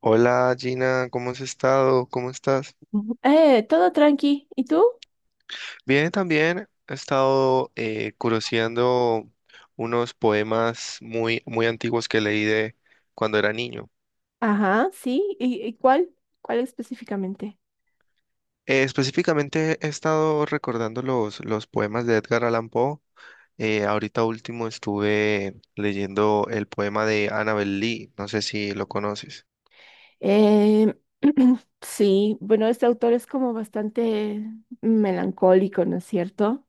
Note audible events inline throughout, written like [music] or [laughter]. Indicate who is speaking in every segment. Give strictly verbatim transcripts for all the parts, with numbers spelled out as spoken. Speaker 1: Hola Gina, ¿cómo has estado? ¿Cómo estás?
Speaker 2: Ujú. Eh, todo tranqui. ¿Y tú?
Speaker 1: Bien, también he estado eh, curioseando unos poemas muy, muy antiguos que leí de cuando era niño.
Speaker 2: Ajá, sí. ¿Y, y cuál? ¿Cuál específicamente?
Speaker 1: Eh, específicamente he estado recordando los, los poemas de Edgar Allan Poe. Eh, ahorita último estuve leyendo el poema de Annabel Lee, no sé si lo conoces.
Speaker 2: Eh, [clears throat] sí, bueno, este autor es como bastante melancólico, ¿no es cierto?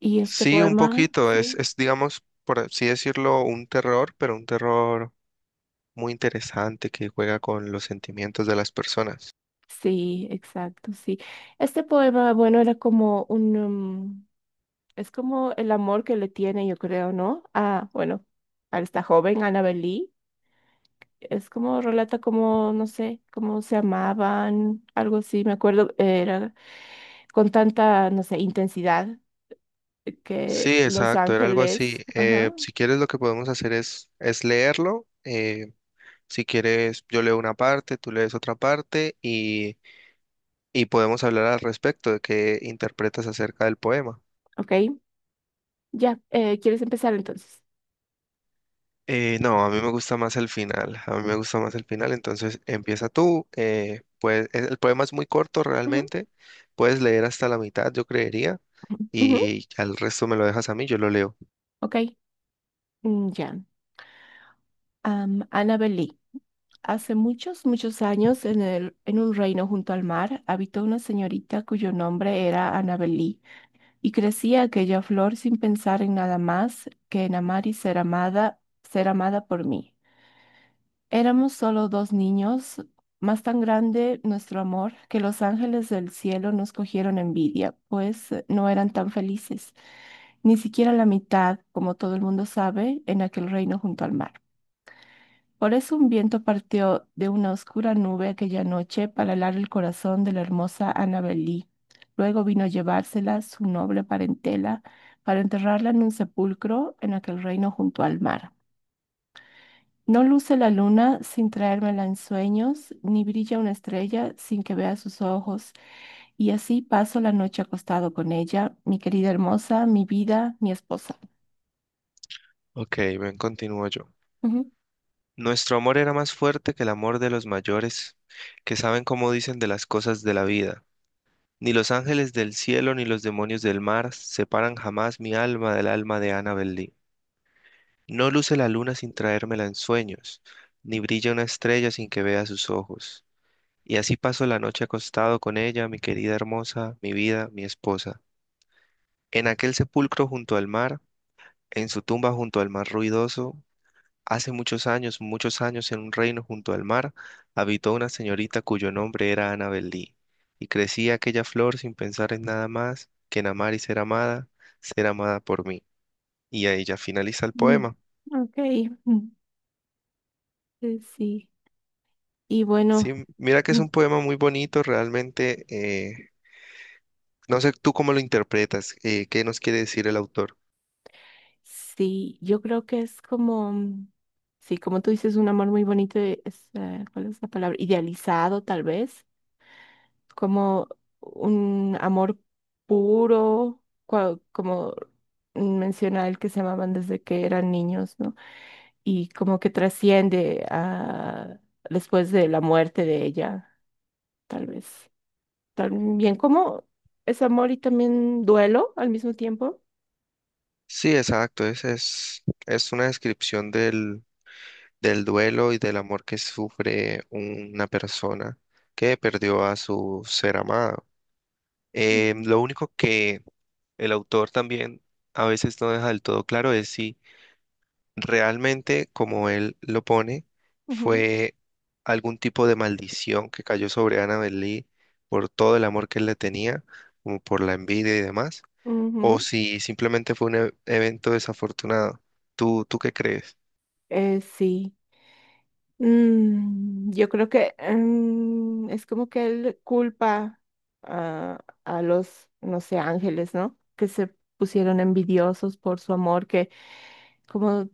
Speaker 2: Y este
Speaker 1: Sí, un
Speaker 2: poema,
Speaker 1: poquito, es,
Speaker 2: sí.
Speaker 1: es digamos, por así decirlo, un terror, pero un terror muy interesante que juega con los sentimientos de las personas.
Speaker 2: Sí, exacto, sí. Este poema, bueno, era como un, um, es como el amor que le tiene, yo creo, ¿no? Ah, bueno, a esta joven, Annabel Lee. Es como relata como, no sé, cómo se amaban, algo así, me acuerdo, era con tanta, no sé, intensidad que
Speaker 1: Sí,
Speaker 2: Los
Speaker 1: exacto, era algo así.
Speaker 2: Ángeles.
Speaker 1: Eh,
Speaker 2: Ajá,
Speaker 1: si quieres, lo que podemos hacer es, es leerlo. Eh, si quieres, yo leo una parte, tú lees otra parte y, y podemos hablar al respecto de qué interpretas acerca del poema.
Speaker 2: ok, ya. Eh, ¿quieres empezar entonces?
Speaker 1: Eh, no, a mí me gusta más el final, a mí me gusta más el final, entonces empieza tú. Eh, pues el el poema es muy corto
Speaker 2: Ajá,
Speaker 1: realmente, puedes leer hasta la mitad, yo creería,
Speaker 2: ujú,
Speaker 1: y al resto me lo dejas a mí, yo lo leo.
Speaker 2: ok, mm, ya. Am, Annabel Lee. Hace muchos, muchos años, en el, en un reino junto al mar, habitó una señorita cuyo nombre era Annabel Lee, y crecía aquella flor sin pensar en nada más que en amar y ser amada, ser amada por mí. Éramos solo dos niños, más tan grande nuestro amor que los ángeles del cielo nos cogieron envidia, pues eh, no eran tan felices, ni siquiera la mitad, como todo el mundo sabe, en aquel reino junto al mar. Por eso un viento partió de una oscura nube aquella noche para helar el corazón de la hermosa Annabel Lee. Luego vino a llevársela su noble parentela para enterrarla en un sepulcro en aquel reino junto al mar. No luce la luna sin traérmela en sueños, ni brilla una estrella sin que vea sus ojos. Y así paso la noche acostado con ella, mi querida hermosa, mi vida, mi esposa.
Speaker 1: Ok, bien, continúo yo.
Speaker 2: Ujú.
Speaker 1: Nuestro amor era más fuerte que el amor de los mayores, que saben cómo dicen de las cosas de la vida. Ni los ángeles del cielo ni los demonios del mar separan jamás mi alma del alma de Annabel Lee. No luce la luna sin traérmela en sueños, ni brilla una estrella sin que vea sus ojos. Y así paso la noche acostado con ella, mi querida hermosa, mi vida, mi esposa. En aquel sepulcro junto al mar, en su tumba junto al mar ruidoso, hace muchos años, muchos años, en un reino junto al mar, habitó una señorita cuyo nombre era Annabel Lee, y crecía aquella flor sin pensar en nada más que en amar y ser amada, ser amada por mí. Y ahí ya finaliza el
Speaker 2: Mm.
Speaker 1: poema.
Speaker 2: Ok. mm, eh, sí. Y bueno,
Speaker 1: Sí, mira que es
Speaker 2: mm,
Speaker 1: un poema muy bonito, realmente. Eh, no sé tú cómo lo interpretas, eh, qué nos quiere decir el autor.
Speaker 2: sí, yo creo que es como, mm, sí, como tú dices, un amor muy bonito, y es, eh, ¿cuál es la palabra? Idealizado, tal vez. Como un amor puro, cua- como menciona él que se amaban desde que eran niños, ¿no? Y como que trasciende a después de la muerte de ella, tal vez. También como es amor y también duelo al mismo tiempo.
Speaker 1: Sí, exacto, es, es, es una descripción del, del duelo y del amor que sufre una persona que perdió a su ser amado. Eh,
Speaker 2: Ujú,
Speaker 1: lo único que el autor también a veces no deja del todo claro es si realmente, como él lo pone,
Speaker 2: ujú,
Speaker 1: fue algún tipo de maldición que cayó sobre Annabel Lee por todo el amor que él le tenía, como por la envidia y demás, o
Speaker 2: ujú.
Speaker 1: si simplemente fue un e- evento desafortunado. ¿Tú, tú qué crees?
Speaker 2: Eh, sí. Mm, yo creo que mm, es como que él culpa a, a los, no sé, ángeles, ¿no? Que se pusieron envidiosos por su amor, que, como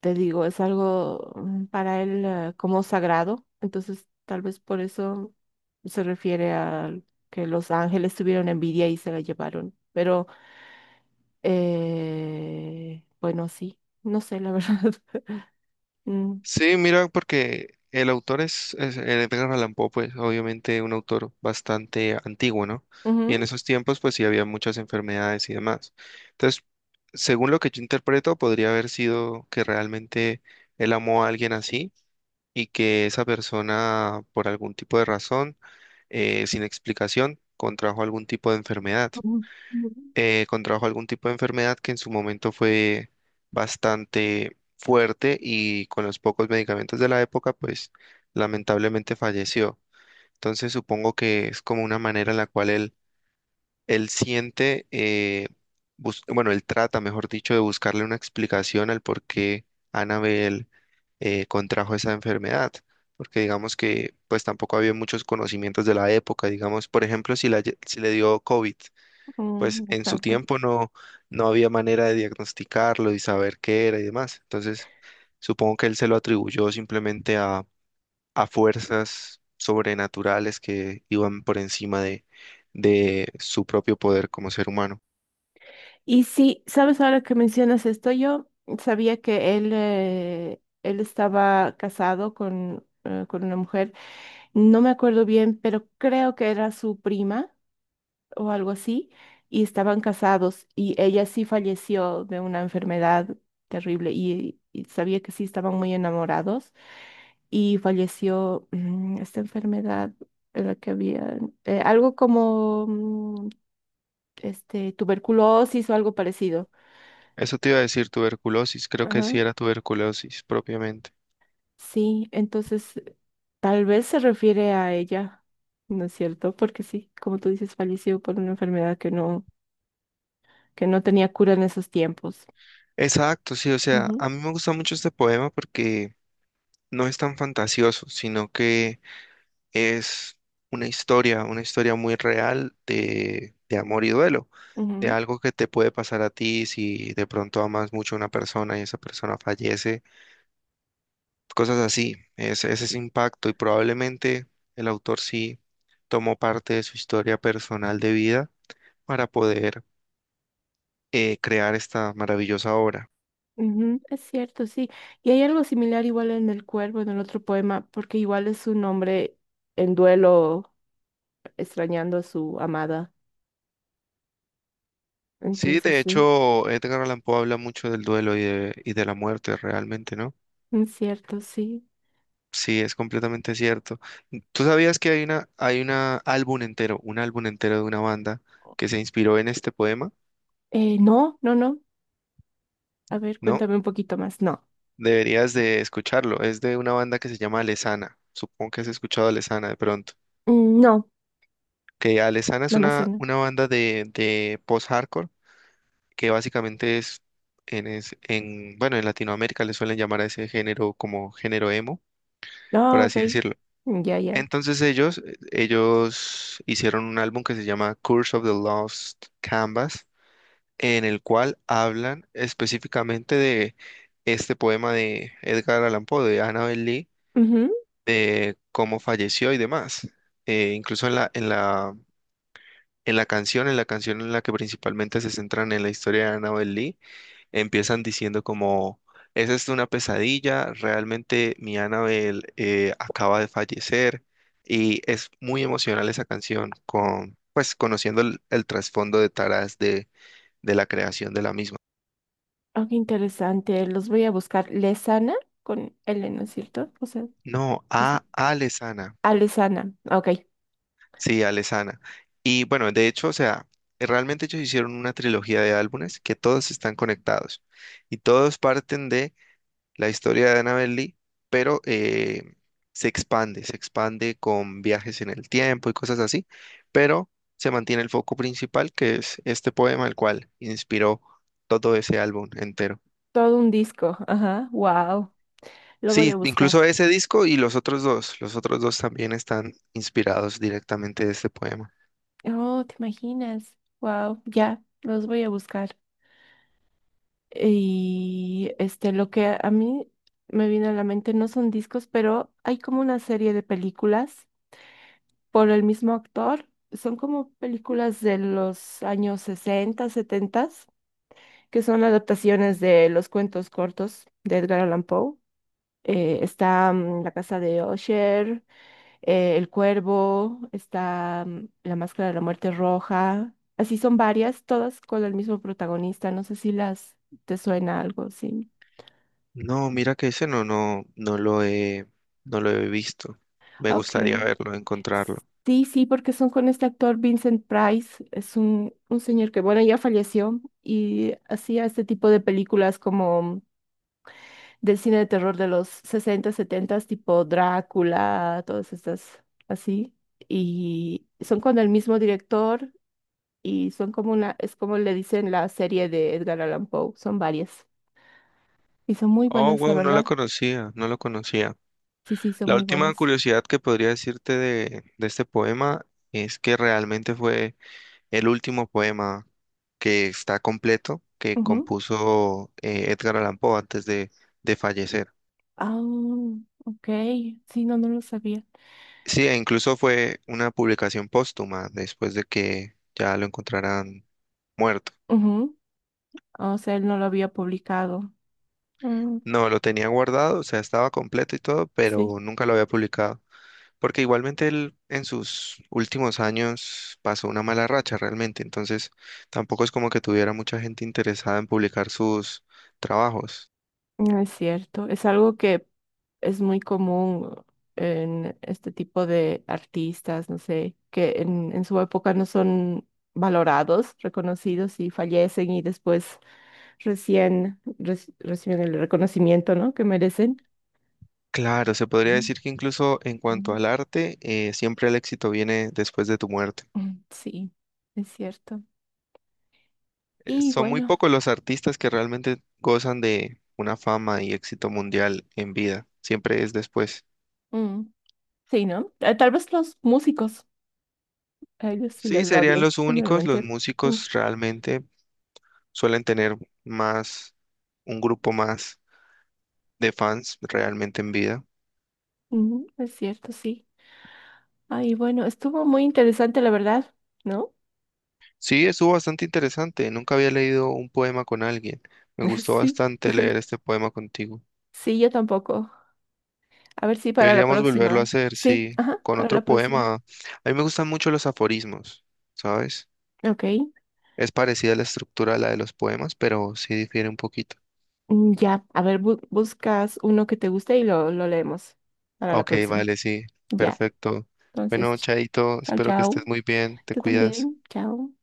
Speaker 2: te digo, es algo mm, para él eh, como sagrado. Entonces, tal vez por eso se refiere a que los ángeles tuvieron envidia y se la llevaron. Pero, eh, bueno, sí, no sé, la verdad. [laughs] Mm,
Speaker 1: Sí, mira, porque el autor es, es eh, Edgar Allan Poe, pues obviamente un autor bastante antiguo, ¿no? Y en
Speaker 2: ujú,
Speaker 1: esos tiempos, pues sí había muchas enfermedades y demás. Entonces, según lo que yo interpreto, podría haber sido que realmente él amó a alguien así y que esa persona, por algún tipo de razón, eh, sin explicación, contrajo algún tipo de enfermedad
Speaker 2: Ujú. Ujú,
Speaker 1: eh, contrajo algún tipo de enfermedad que en su momento fue bastante fuerte y con los pocos medicamentos de la época, pues lamentablemente falleció. Entonces supongo que es como una manera en la cual él, él siente, eh, bus- bueno, él trata, mejor dicho, de buscarle una explicación al por qué Annabel eh, contrajo esa enfermedad. Porque digamos que pues tampoco había muchos conocimientos de la época, digamos, por ejemplo, si, la, lle- si le dio COVID pues
Speaker 2: ujú,
Speaker 1: en su
Speaker 2: exacto.
Speaker 1: tiempo no, no había manera de diagnosticarlo y saber qué era y demás. Entonces, supongo que él se lo atribuyó simplemente a, a fuerzas sobrenaturales que iban por encima de, de su propio poder como ser humano.
Speaker 2: Y sí, sabes, ahora que mencionas esto, yo sabía que él, eh, él estaba casado con, eh, con una mujer, no me acuerdo bien, pero creo que era su prima o algo así, y estaban casados y ella sí falleció de una enfermedad terrible y, y sabía que sí estaban muy enamorados y falleció mm, esta enfermedad en la que había, eh, algo como mm, este, tuberculosis o algo parecido.
Speaker 1: Eso te iba a decir tuberculosis, creo que sí
Speaker 2: Ajá,
Speaker 1: era tuberculosis propiamente.
Speaker 2: sí, entonces tal vez se refiere a ella, ¿no es cierto? Porque sí, como tú dices, falleció por una enfermedad que no, que no tenía cura en esos tiempos.
Speaker 1: Exacto, sí, o sea,
Speaker 2: Ujú,
Speaker 1: a mí me gusta mucho este poema porque no es tan fantasioso, sino que es una historia, una historia muy real de, de amor y duelo, de
Speaker 2: ujú,
Speaker 1: algo que te puede pasar a ti si de pronto amas mucho a una persona y esa persona fallece, cosas así, es, es ese impacto y probablemente el autor sí tomó parte de su historia personal de vida para poder eh, crear esta maravillosa obra.
Speaker 2: ujú. Es cierto, sí. Y hay algo similar igual en El Cuervo, en el otro poema, porque igual es un hombre en duelo, extrañando a su amada.
Speaker 1: Sí,
Speaker 2: Entonces,
Speaker 1: de
Speaker 2: sí,
Speaker 1: hecho, Edgar Allan Poe habla mucho del duelo y de, y de la muerte realmente, ¿no?
Speaker 2: es cierto, sí.
Speaker 1: Sí, es completamente cierto. ¿Tú sabías que hay una, hay una álbum entero, un álbum entero de una banda que se inspiró en este poema?
Speaker 2: Eh, no, no, no. A ver,
Speaker 1: ¿No?
Speaker 2: cuéntame un poquito más. No.
Speaker 1: Deberías de escucharlo. Es de una banda que se llama Alesana. Supongo que has escuchado a Alesana de pronto.
Speaker 2: Mm, no,
Speaker 1: Que Alesana es
Speaker 2: no me
Speaker 1: una,
Speaker 2: suena.
Speaker 1: una banda de, de post-hardcore que básicamente es en, es en, bueno, en Latinoamérica le suelen llamar a ese género como género emo, por
Speaker 2: Ah, ok.
Speaker 1: así decirlo.
Speaker 2: Ya, ya.
Speaker 1: Entonces ellos, eh, ellos hicieron un álbum que se llama Curse of the Lost Canvas, en el cual hablan específicamente de este poema de Edgar Allan Poe, de Annabel Lee,
Speaker 2: Ujú.
Speaker 1: de cómo falleció y demás. Eh, incluso en la, en la, en la canción, en la canción en la que principalmente se centran en la historia de Annabel Lee, empiezan diciendo como, esa es una pesadilla, realmente mi Annabelle eh, acaba de fallecer y es muy emocional esa canción con, pues conociendo el, el trasfondo de Taras de, de la creación de la misma.
Speaker 2: Ah, qué interesante. Los voy a buscar. Lesana con L, ¿no es cierto? O sea,
Speaker 1: No,
Speaker 2: es-
Speaker 1: a Alesana,
Speaker 2: ah, Lesana. Ok.
Speaker 1: sí, Alesana. Y bueno, de hecho, o sea, realmente ellos hicieron una trilogía de álbumes que todos están conectados y todos parten de la historia de Annabel Lee, pero eh, se expande, se expande con viajes en el tiempo y cosas así, pero se mantiene el foco principal, que es este poema, el cual inspiró todo ese álbum entero.
Speaker 2: Todo un disco. Ajá. Wow. Lo voy
Speaker 1: Sí,
Speaker 2: a buscar.
Speaker 1: incluso ese disco y los otros dos, los otros dos también están inspirados directamente de este poema.
Speaker 2: Oh, ¿te imaginas? Wow. Ya, los voy a buscar. Y este, lo que a mí me vino a la mente no son discos, pero hay como una serie de películas por el mismo actor. Son como películas de los años sesenta, setenta que son adaptaciones de los cuentos cortos de Edgar Allan Poe. Eh, está mm, La Casa de Usher, eh, El Cuervo, está mm, La Máscara de la Muerte Roja. Así son varias, todas con el mismo protagonista. No sé si las te suena algo, sí.
Speaker 1: No, mira que ese no, no, no lo he, no lo he visto. Me
Speaker 2: Ok.
Speaker 1: gustaría verlo, encontrarlo.
Speaker 2: Sí, sí, porque son con este actor Vincent Price. Es un, un señor que, bueno, ya falleció y hacía este tipo de películas como del cine de terror de los sesenta setenta, tipo Drácula, todas estas así. Y son con el mismo director y son como una, es como le dicen la serie de Edgar Allan Poe, son varias. Y son muy
Speaker 1: Oh,
Speaker 2: buenas, la
Speaker 1: wow, no lo
Speaker 2: verdad.
Speaker 1: conocía, no lo conocía.
Speaker 2: Sí, sí, son
Speaker 1: La
Speaker 2: muy
Speaker 1: última
Speaker 2: buenas.
Speaker 1: curiosidad que podría decirte de, de este poema es que realmente fue el último poema que está completo que
Speaker 2: Ujú.
Speaker 1: compuso eh, Edgar Allan Poe antes de, de fallecer.
Speaker 2: Ah, ok. Sí, no, no lo sabía.
Speaker 1: Sí, e incluso fue una publicación póstuma después de que ya lo encontraran muerto.
Speaker 2: Ujú. O sea, él no lo había publicado. Mm,
Speaker 1: No, lo tenía guardado, o sea, estaba completo y todo,
Speaker 2: sí.
Speaker 1: pero nunca lo había publicado. Porque igualmente él en sus últimos años pasó una mala racha realmente, entonces tampoco es como que tuviera mucha gente interesada en publicar sus trabajos.
Speaker 2: No es cierto, es algo que es muy común en este tipo de artistas, no sé, que en, en su época no son valorados, reconocidos y fallecen y después recién reci- reciben el reconocimiento, ¿no? Que merecen.
Speaker 1: Claro, se podría
Speaker 2: Ujú,
Speaker 1: decir que incluso en cuanto
Speaker 2: ujú.
Speaker 1: al arte, eh, siempre el éxito viene después de tu muerte.
Speaker 2: Mm. Sí, es cierto.
Speaker 1: Eh,
Speaker 2: Y
Speaker 1: Son muy
Speaker 2: bueno,
Speaker 1: pocos los artistas que realmente gozan de una fama y éxito mundial en vida, siempre es después.
Speaker 2: mm, sí, ¿no? Eh, Tal vez los músicos, a ellos sí
Speaker 1: Sí,
Speaker 2: les va
Speaker 1: serían
Speaker 2: bien,
Speaker 1: los únicos, los
Speaker 2: generalmente. Mm,
Speaker 1: músicos realmente suelen tener más, un grupo más de fans realmente en vida.
Speaker 2: mm, es cierto, sí. Ay, bueno, estuvo muy interesante, la verdad, ¿no?
Speaker 1: Sí, estuvo bastante interesante. Nunca había leído un poema con alguien. Me
Speaker 2: [laughs]
Speaker 1: gustó
Speaker 2: Sí,
Speaker 1: bastante leer este poema contigo.
Speaker 2: sí, yo tampoco. A ver si para la
Speaker 1: Deberíamos volverlo a
Speaker 2: próxima.
Speaker 1: hacer,
Speaker 2: Sí,
Speaker 1: sí,
Speaker 2: ajá,
Speaker 1: con
Speaker 2: para
Speaker 1: otro
Speaker 2: la próxima.
Speaker 1: poema. A mí me gustan mucho los aforismos, ¿sabes?
Speaker 2: Ok,
Speaker 1: Es parecida la estructura a la de los poemas, pero sí difiere un poquito.
Speaker 2: mm, ya, a ver, bu- buscas uno que te guste y lo, lo leemos para la
Speaker 1: Ok,
Speaker 2: próxima.
Speaker 1: vale, sí,
Speaker 2: Ya,
Speaker 1: perfecto.
Speaker 2: entonces,
Speaker 1: Bueno,
Speaker 2: ch-
Speaker 1: Chaito,
Speaker 2: chao,
Speaker 1: espero que
Speaker 2: chao.
Speaker 1: estés muy bien, te
Speaker 2: Tú
Speaker 1: cuidas.
Speaker 2: también, chao.